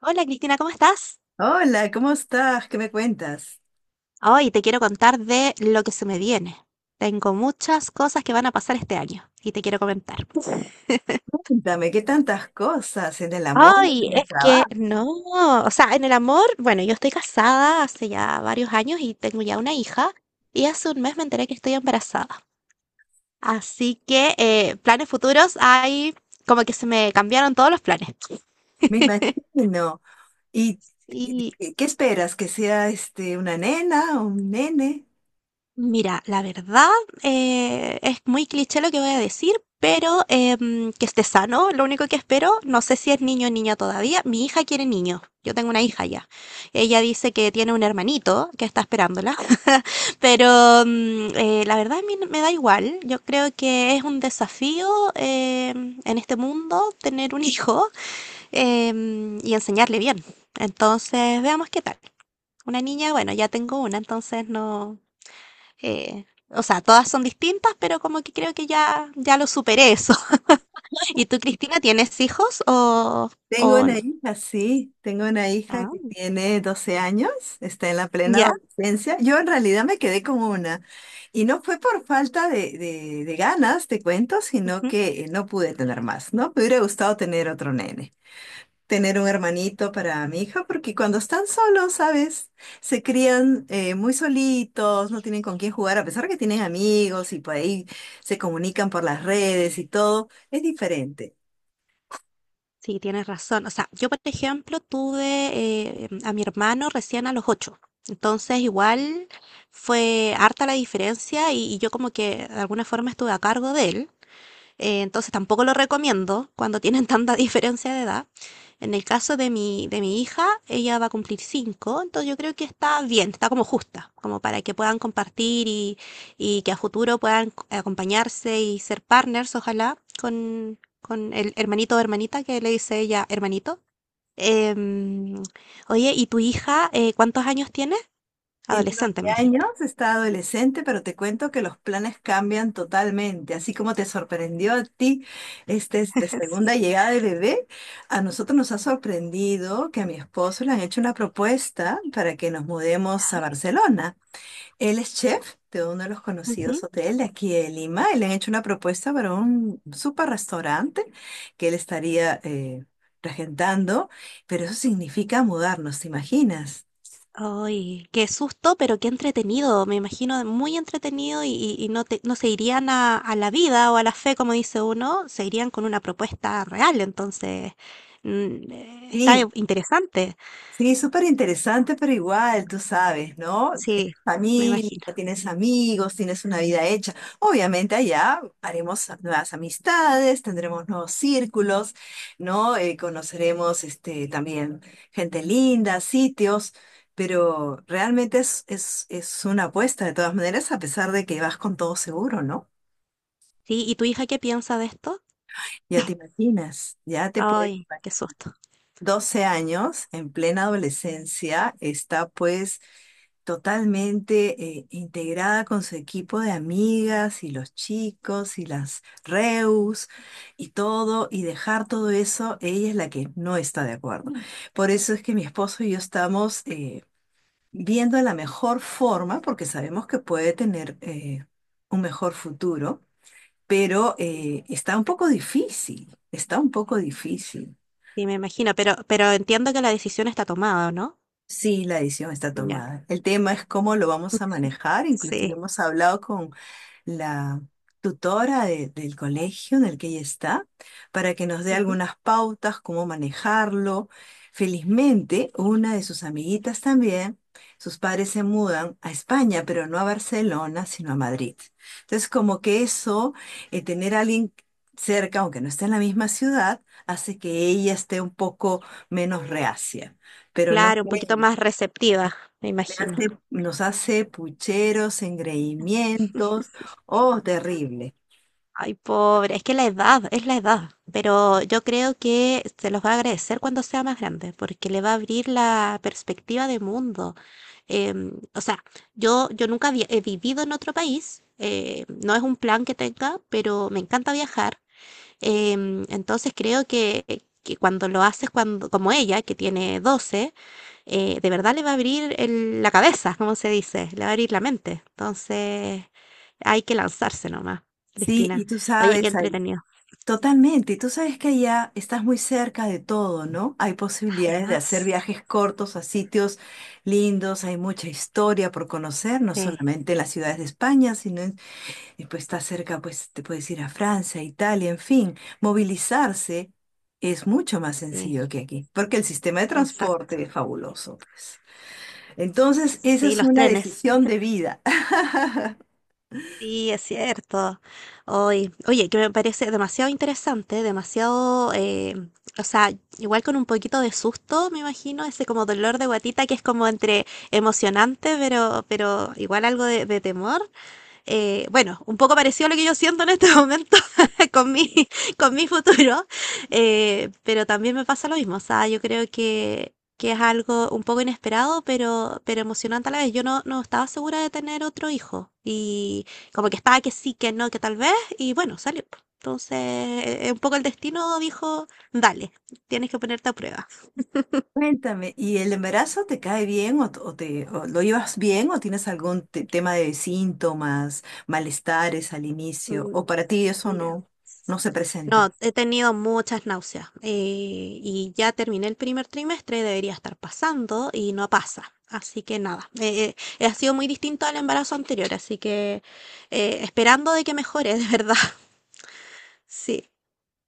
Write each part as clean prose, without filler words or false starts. Hola Cristina, ¿cómo estás? Hola, ¿cómo estás? ¿Qué me cuentas? Hoy te quiero contar de lo que se me viene. Tengo muchas cosas que van a pasar este año y te quiero comentar. Cuéntame, qué tantas cosas en el amor, Ay, en es el que trabajo, no, o sea, en el amor, bueno, yo estoy casada hace ya varios años y tengo ya una hija y hace un mes me enteré que estoy embarazada. Así que planes futuros hay, como que se me cambiaron todos los planes. me imagino. ¿Y Y y qué esperas? ¿Que sea este una nena o un nene? Mira, la verdad es muy cliché lo que voy a decir, pero que esté sano, lo único que espero, no sé si es niño o niña todavía, mi hija quiere niño, yo tengo una hija ya, ella dice que tiene un hermanito que está esperándola, pero la verdad a mí me da igual, yo creo que es un desafío en este mundo tener un hijo y enseñarle bien, entonces veamos qué tal. Una niña, bueno, ya tengo una, entonces no. O sea, todas son distintas, pero como que creo que ya, ya lo superé eso. ¿Y tú, Cristina, tienes hijos o, Tengo o una no? hija, sí, tengo una hija Ah, que tiene 12 años, está en la plena ya. adolescencia. Yo en realidad me quedé con una y no fue por falta de ganas, te cuento, sino Ujú. que no pude tener más, ¿no? Me hubiera gustado tener otro nene, tener un hermanito para mi hija, porque cuando están solos, ¿sabes? Se crían muy solitos, no tienen con quién jugar, a pesar que tienen amigos y por ahí se comunican por las redes y todo, es diferente. Sí, tienes razón. O sea, yo, por ejemplo, tuve a mi hermano recién a los 8. Entonces, igual fue harta la diferencia y yo como que de alguna forma estuve a cargo de él. Entonces tampoco lo recomiendo cuando tienen tanta diferencia de edad. En el caso de mi hija, ella va a cumplir 5, entonces yo creo que está bien, está como justa, como para que puedan compartir y que a futuro puedan acompañarse y ser partners, ojalá, con el hermanito o hermanita, que le dice ella hermanito. Em, Oye, ¿y tu hija cuántos años tiene? Tiene Adolescente, 12 me dijiste. años, está adolescente, pero te cuento que los planes cambian totalmente. Así como te sorprendió a ti esta segunda Sí. llegada de bebé, a nosotros nos ha sorprendido que a mi esposo le han hecho una propuesta para que nos mudemos a Barcelona. Él es chef de uno de los Ujú. conocidos hoteles de aquí de Lima y le han hecho una propuesta para un super restaurante que él estaría regentando, pero eso significa mudarnos, ¿te imaginas? Ay, qué susto, pero qué entretenido. Me imagino muy entretenido y no no se irían a la vida o a la fe, como dice uno, se irían con una propuesta real. Entonces, está Sí, interesante. sí, súper interesante, pero igual, tú sabes, ¿no? Sí, Tienes me familia, imagino. tienes amigos, tienes una vida hecha. Obviamente allá haremos nuevas amistades, tendremos nuevos círculos, ¿no? Conoceremos también gente linda, sitios, pero realmente es una apuesta de todas maneras, a pesar de que vas con todo seguro, ¿no? Sí, ¿y tu hija qué piensa de esto? Ya te imaginas, ya te puedes Ay, imaginar. qué susto. 12 años, en plena adolescencia, está pues totalmente integrada con su equipo de amigas y los chicos y las reus y todo, y dejar todo eso, ella es la que no está de acuerdo. Por eso es que mi esposo y yo estamos viendo la mejor forma, porque sabemos que puede tener un mejor futuro, pero Sí, está un poco difícil, está un poco difícil. sí, me imagino, pero entiendo que la decisión está tomada, ¿no? Sí, la decisión está Ya, tomada. El tema es cómo lo vamos a manejar. Inclusive sí. hemos hablado con la tutora del colegio en el que ella está para que nos dé Ujú. algunas pautas, cómo manejarlo. Felizmente, una de sus amiguitas también, sus padres se mudan a España, pero no a Barcelona, sino a Madrid. Entonces, como que eso, tener a alguien cerca, aunque no esté en la misma ciudad, hace que ella esté un poco menos reacia. Pero no Claro, un poquito creen, más receptiva, me imagino. Nos hace pucheros, engreimientos, oh, terrible. Ay, pobre, es que la edad, es la edad, pero yo creo que se los va a agradecer cuando sea más grande, porque le va a abrir la perspectiva de mundo. O sea, yo nunca he vivido en otro país, no es un plan que tenga, pero me encanta viajar. Entonces creo que cuando lo haces, cuando, como ella, que tiene 12, de verdad le va a abrir la cabeza, como se dice, le va a abrir la mente. Entonces, hay que lanzarse nomás, Sí, y Cristina. tú Oye, qué sabes, ay, entretenido. totalmente, y tú sabes que allá estás muy cerca de todo, ¿no? Hay posibilidades de hacer Además, viajes cortos a sitios lindos, hay mucha historia por conocer, no sí, solamente en las ciudades de España, sino en, y pues estás cerca, pues te puedes ir a Francia, Italia, en fin, movilizarse es mucho más sí, sencillo que aquí, porque el sistema de exacto. transporte es fabuloso, pues. Entonces, esa Sí, es los una trenes. decisión de vida. Sí, es cierto. Hoy, oye, que me parece demasiado interesante, demasiado, o sea, igual con un poquito de susto, me imagino, ese como dolor de guatita que es como entre emocionante, pero igual algo de temor. Bueno, un poco parecido a lo que yo siento en este momento, con mi, con mi futuro, pero también me pasa lo mismo. O sea, yo creo que es algo un poco inesperado, pero emocionante a la vez. Yo no estaba segura de tener otro hijo y como que estaba que sí, que no, que tal vez, y bueno, salió. Entonces, un poco el destino dijo, dale, tienes que ponerte a prueba. Cuéntame, ¿y el embarazo te cae bien o, o te o lo llevas bien o tienes algún tema de síntomas, malestares al inicio o Mm, para ti eso mira. no no se presenta? No, he tenido muchas náuseas, y ya terminé el primer trimestre, debería estar pasando y no pasa. Así que nada, ha sido muy distinto al embarazo anterior, así que esperando de que mejore, de verdad. Sí,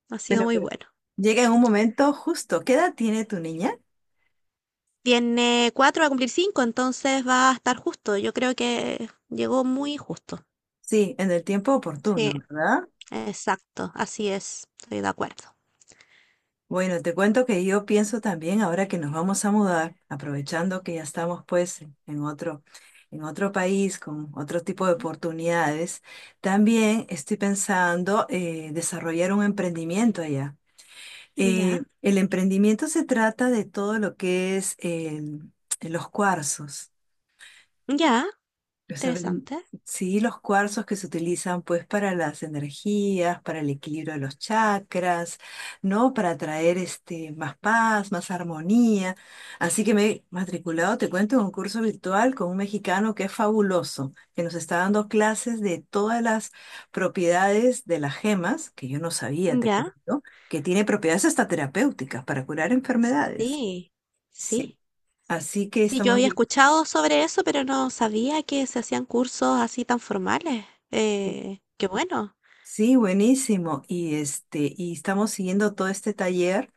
ha sido Bueno, muy pero bueno. llega en un momento justo. ¿Qué edad tiene tu niña? Tiene 4, va a cumplir cinco, entonces va a estar justo. Yo creo que llegó muy justo. Sí, en el tiempo Sí, oportuno, ¿verdad? exacto, así es, estoy de acuerdo. Bueno, te cuento que yo pienso también ahora que nos vamos a mudar, aprovechando que ya estamos pues en otro, en otro país con otro tipo de oportunidades, también estoy pensando desarrollar un emprendimiento allá. Ya, El emprendimiento se trata de todo lo que es el, los cuarzos. ya, O sea, interesante. sí, los cuarzos que se utilizan pues para las energías, para el equilibrio de los chakras, ¿no? Para traer más paz, más armonía. Así que me he matriculado, te cuento, en un curso virtual con un mexicano que es fabuloso, que nos está dando clases de todas las propiedades de las gemas, que yo no sabía, te Ya, cuento, ¿no? Que tiene propiedades hasta terapéuticas para curar enfermedades. sí, Sí. sí. Así que Sí, yo estamos había bien. escuchado sobre eso, pero no sabía que se hacían cursos así tan formales. Qué bueno. Sí, buenísimo. Y estamos siguiendo todo este taller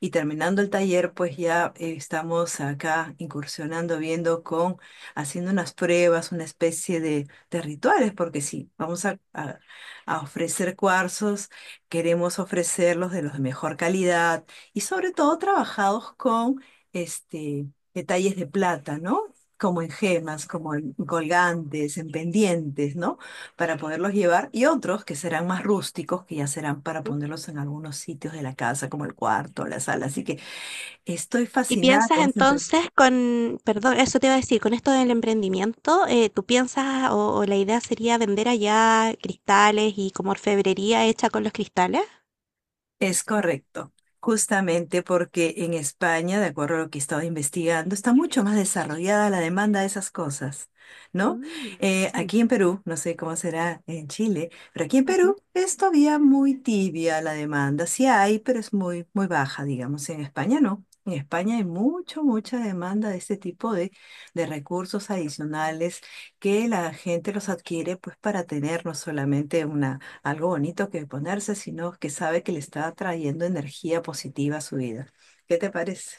y terminando el taller, pues ya estamos acá incursionando, viendo con, haciendo unas pruebas, una especie de rituales, porque sí, vamos a, a ofrecer cuarzos, queremos ofrecerlos de los de mejor calidad y sobre todo trabajados con este detalles de plata, ¿no? Como en gemas, como en colgantes, en pendientes, ¿no? Para poderlos llevar y otros que serán más rústicos, que ya serán para ¿Mm? ponerlos en algunos sitios de la casa, como el cuarto, la sala. Así que estoy ¿Y fascinada piensas con esa. entonces con, perdón, eso te iba a decir, con esto del emprendimiento, tú piensas o la idea sería vender allá cristales y como orfebrería hecha con los cristales? Es correcto, justamente porque en España, de acuerdo a lo que he estado investigando, está mucho más desarrollada la demanda de esas cosas, ¿no? Mm, bien. Aquí en Perú, no sé cómo será en Chile, pero aquí en Perú es todavía muy tibia la demanda. Sí hay, pero es muy, muy baja, digamos. En España no. En España hay mucho, mucha demanda de este tipo de recursos adicionales que la gente los adquiere pues para tener no solamente una algo bonito que ponerse, sino que sabe que le está trayendo energía positiva a su vida. ¿Qué te parece?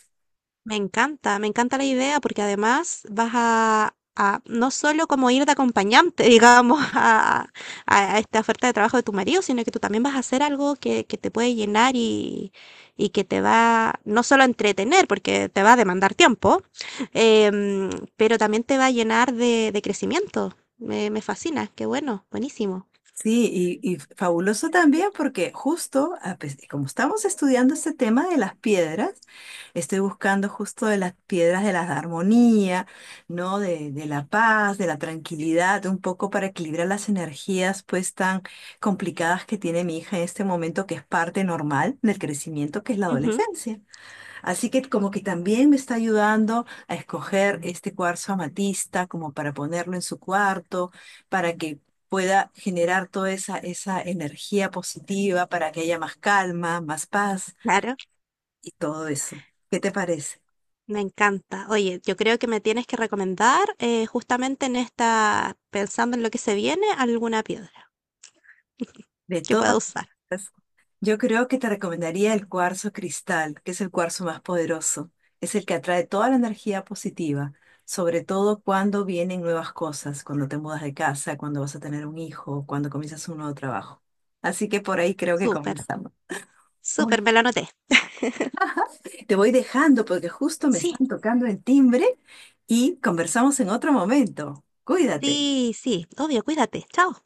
Me encanta la idea porque además vas a no solo como ir de acompañante, digamos, a, a esta oferta de trabajo de tu marido, sino que tú también vas a hacer algo que te puede llenar y que te va no solo a entretener, porque te va a demandar tiempo, em, pero también te va a llenar de crecimiento. Me fascina, qué bueno, buenísimo. Sí, y fabuloso también porque justo, como estamos estudiando este tema de las piedras, estoy buscando justo de las piedras de la armonía, ¿no? De la paz, de la tranquilidad, un poco para equilibrar las energías pues tan complicadas que tiene mi hija en este momento, que es parte normal del crecimiento que es la Ujú, adolescencia. Así que como que también me está ayudando a escoger este cuarzo amatista como para ponerlo en su cuarto, para que pueda generar toda esa energía positiva, para que haya más calma, más paz claro. y todo eso. ¿Qué te parece? Me encanta. Oye, yo creo que me tienes que recomendar justamente en esta, pensando en lo que se viene, alguna piedra De que todas. pueda usar. Yo creo que te recomendaría el cuarzo cristal, que es el cuarzo más poderoso. Es el que atrae toda la energía positiva, sobre todo cuando vienen nuevas cosas, cuando te mudas de casa, cuando vas a tener un hijo, cuando comienzas un nuevo trabajo. Así que por ahí creo que Súper, comenzamos. Uy, súper, me la anoté. te voy dejando porque justo me Sí, están tocando el timbre y conversamos en otro momento. Cuídate. sí, sí, obvio, cuídate. Chao.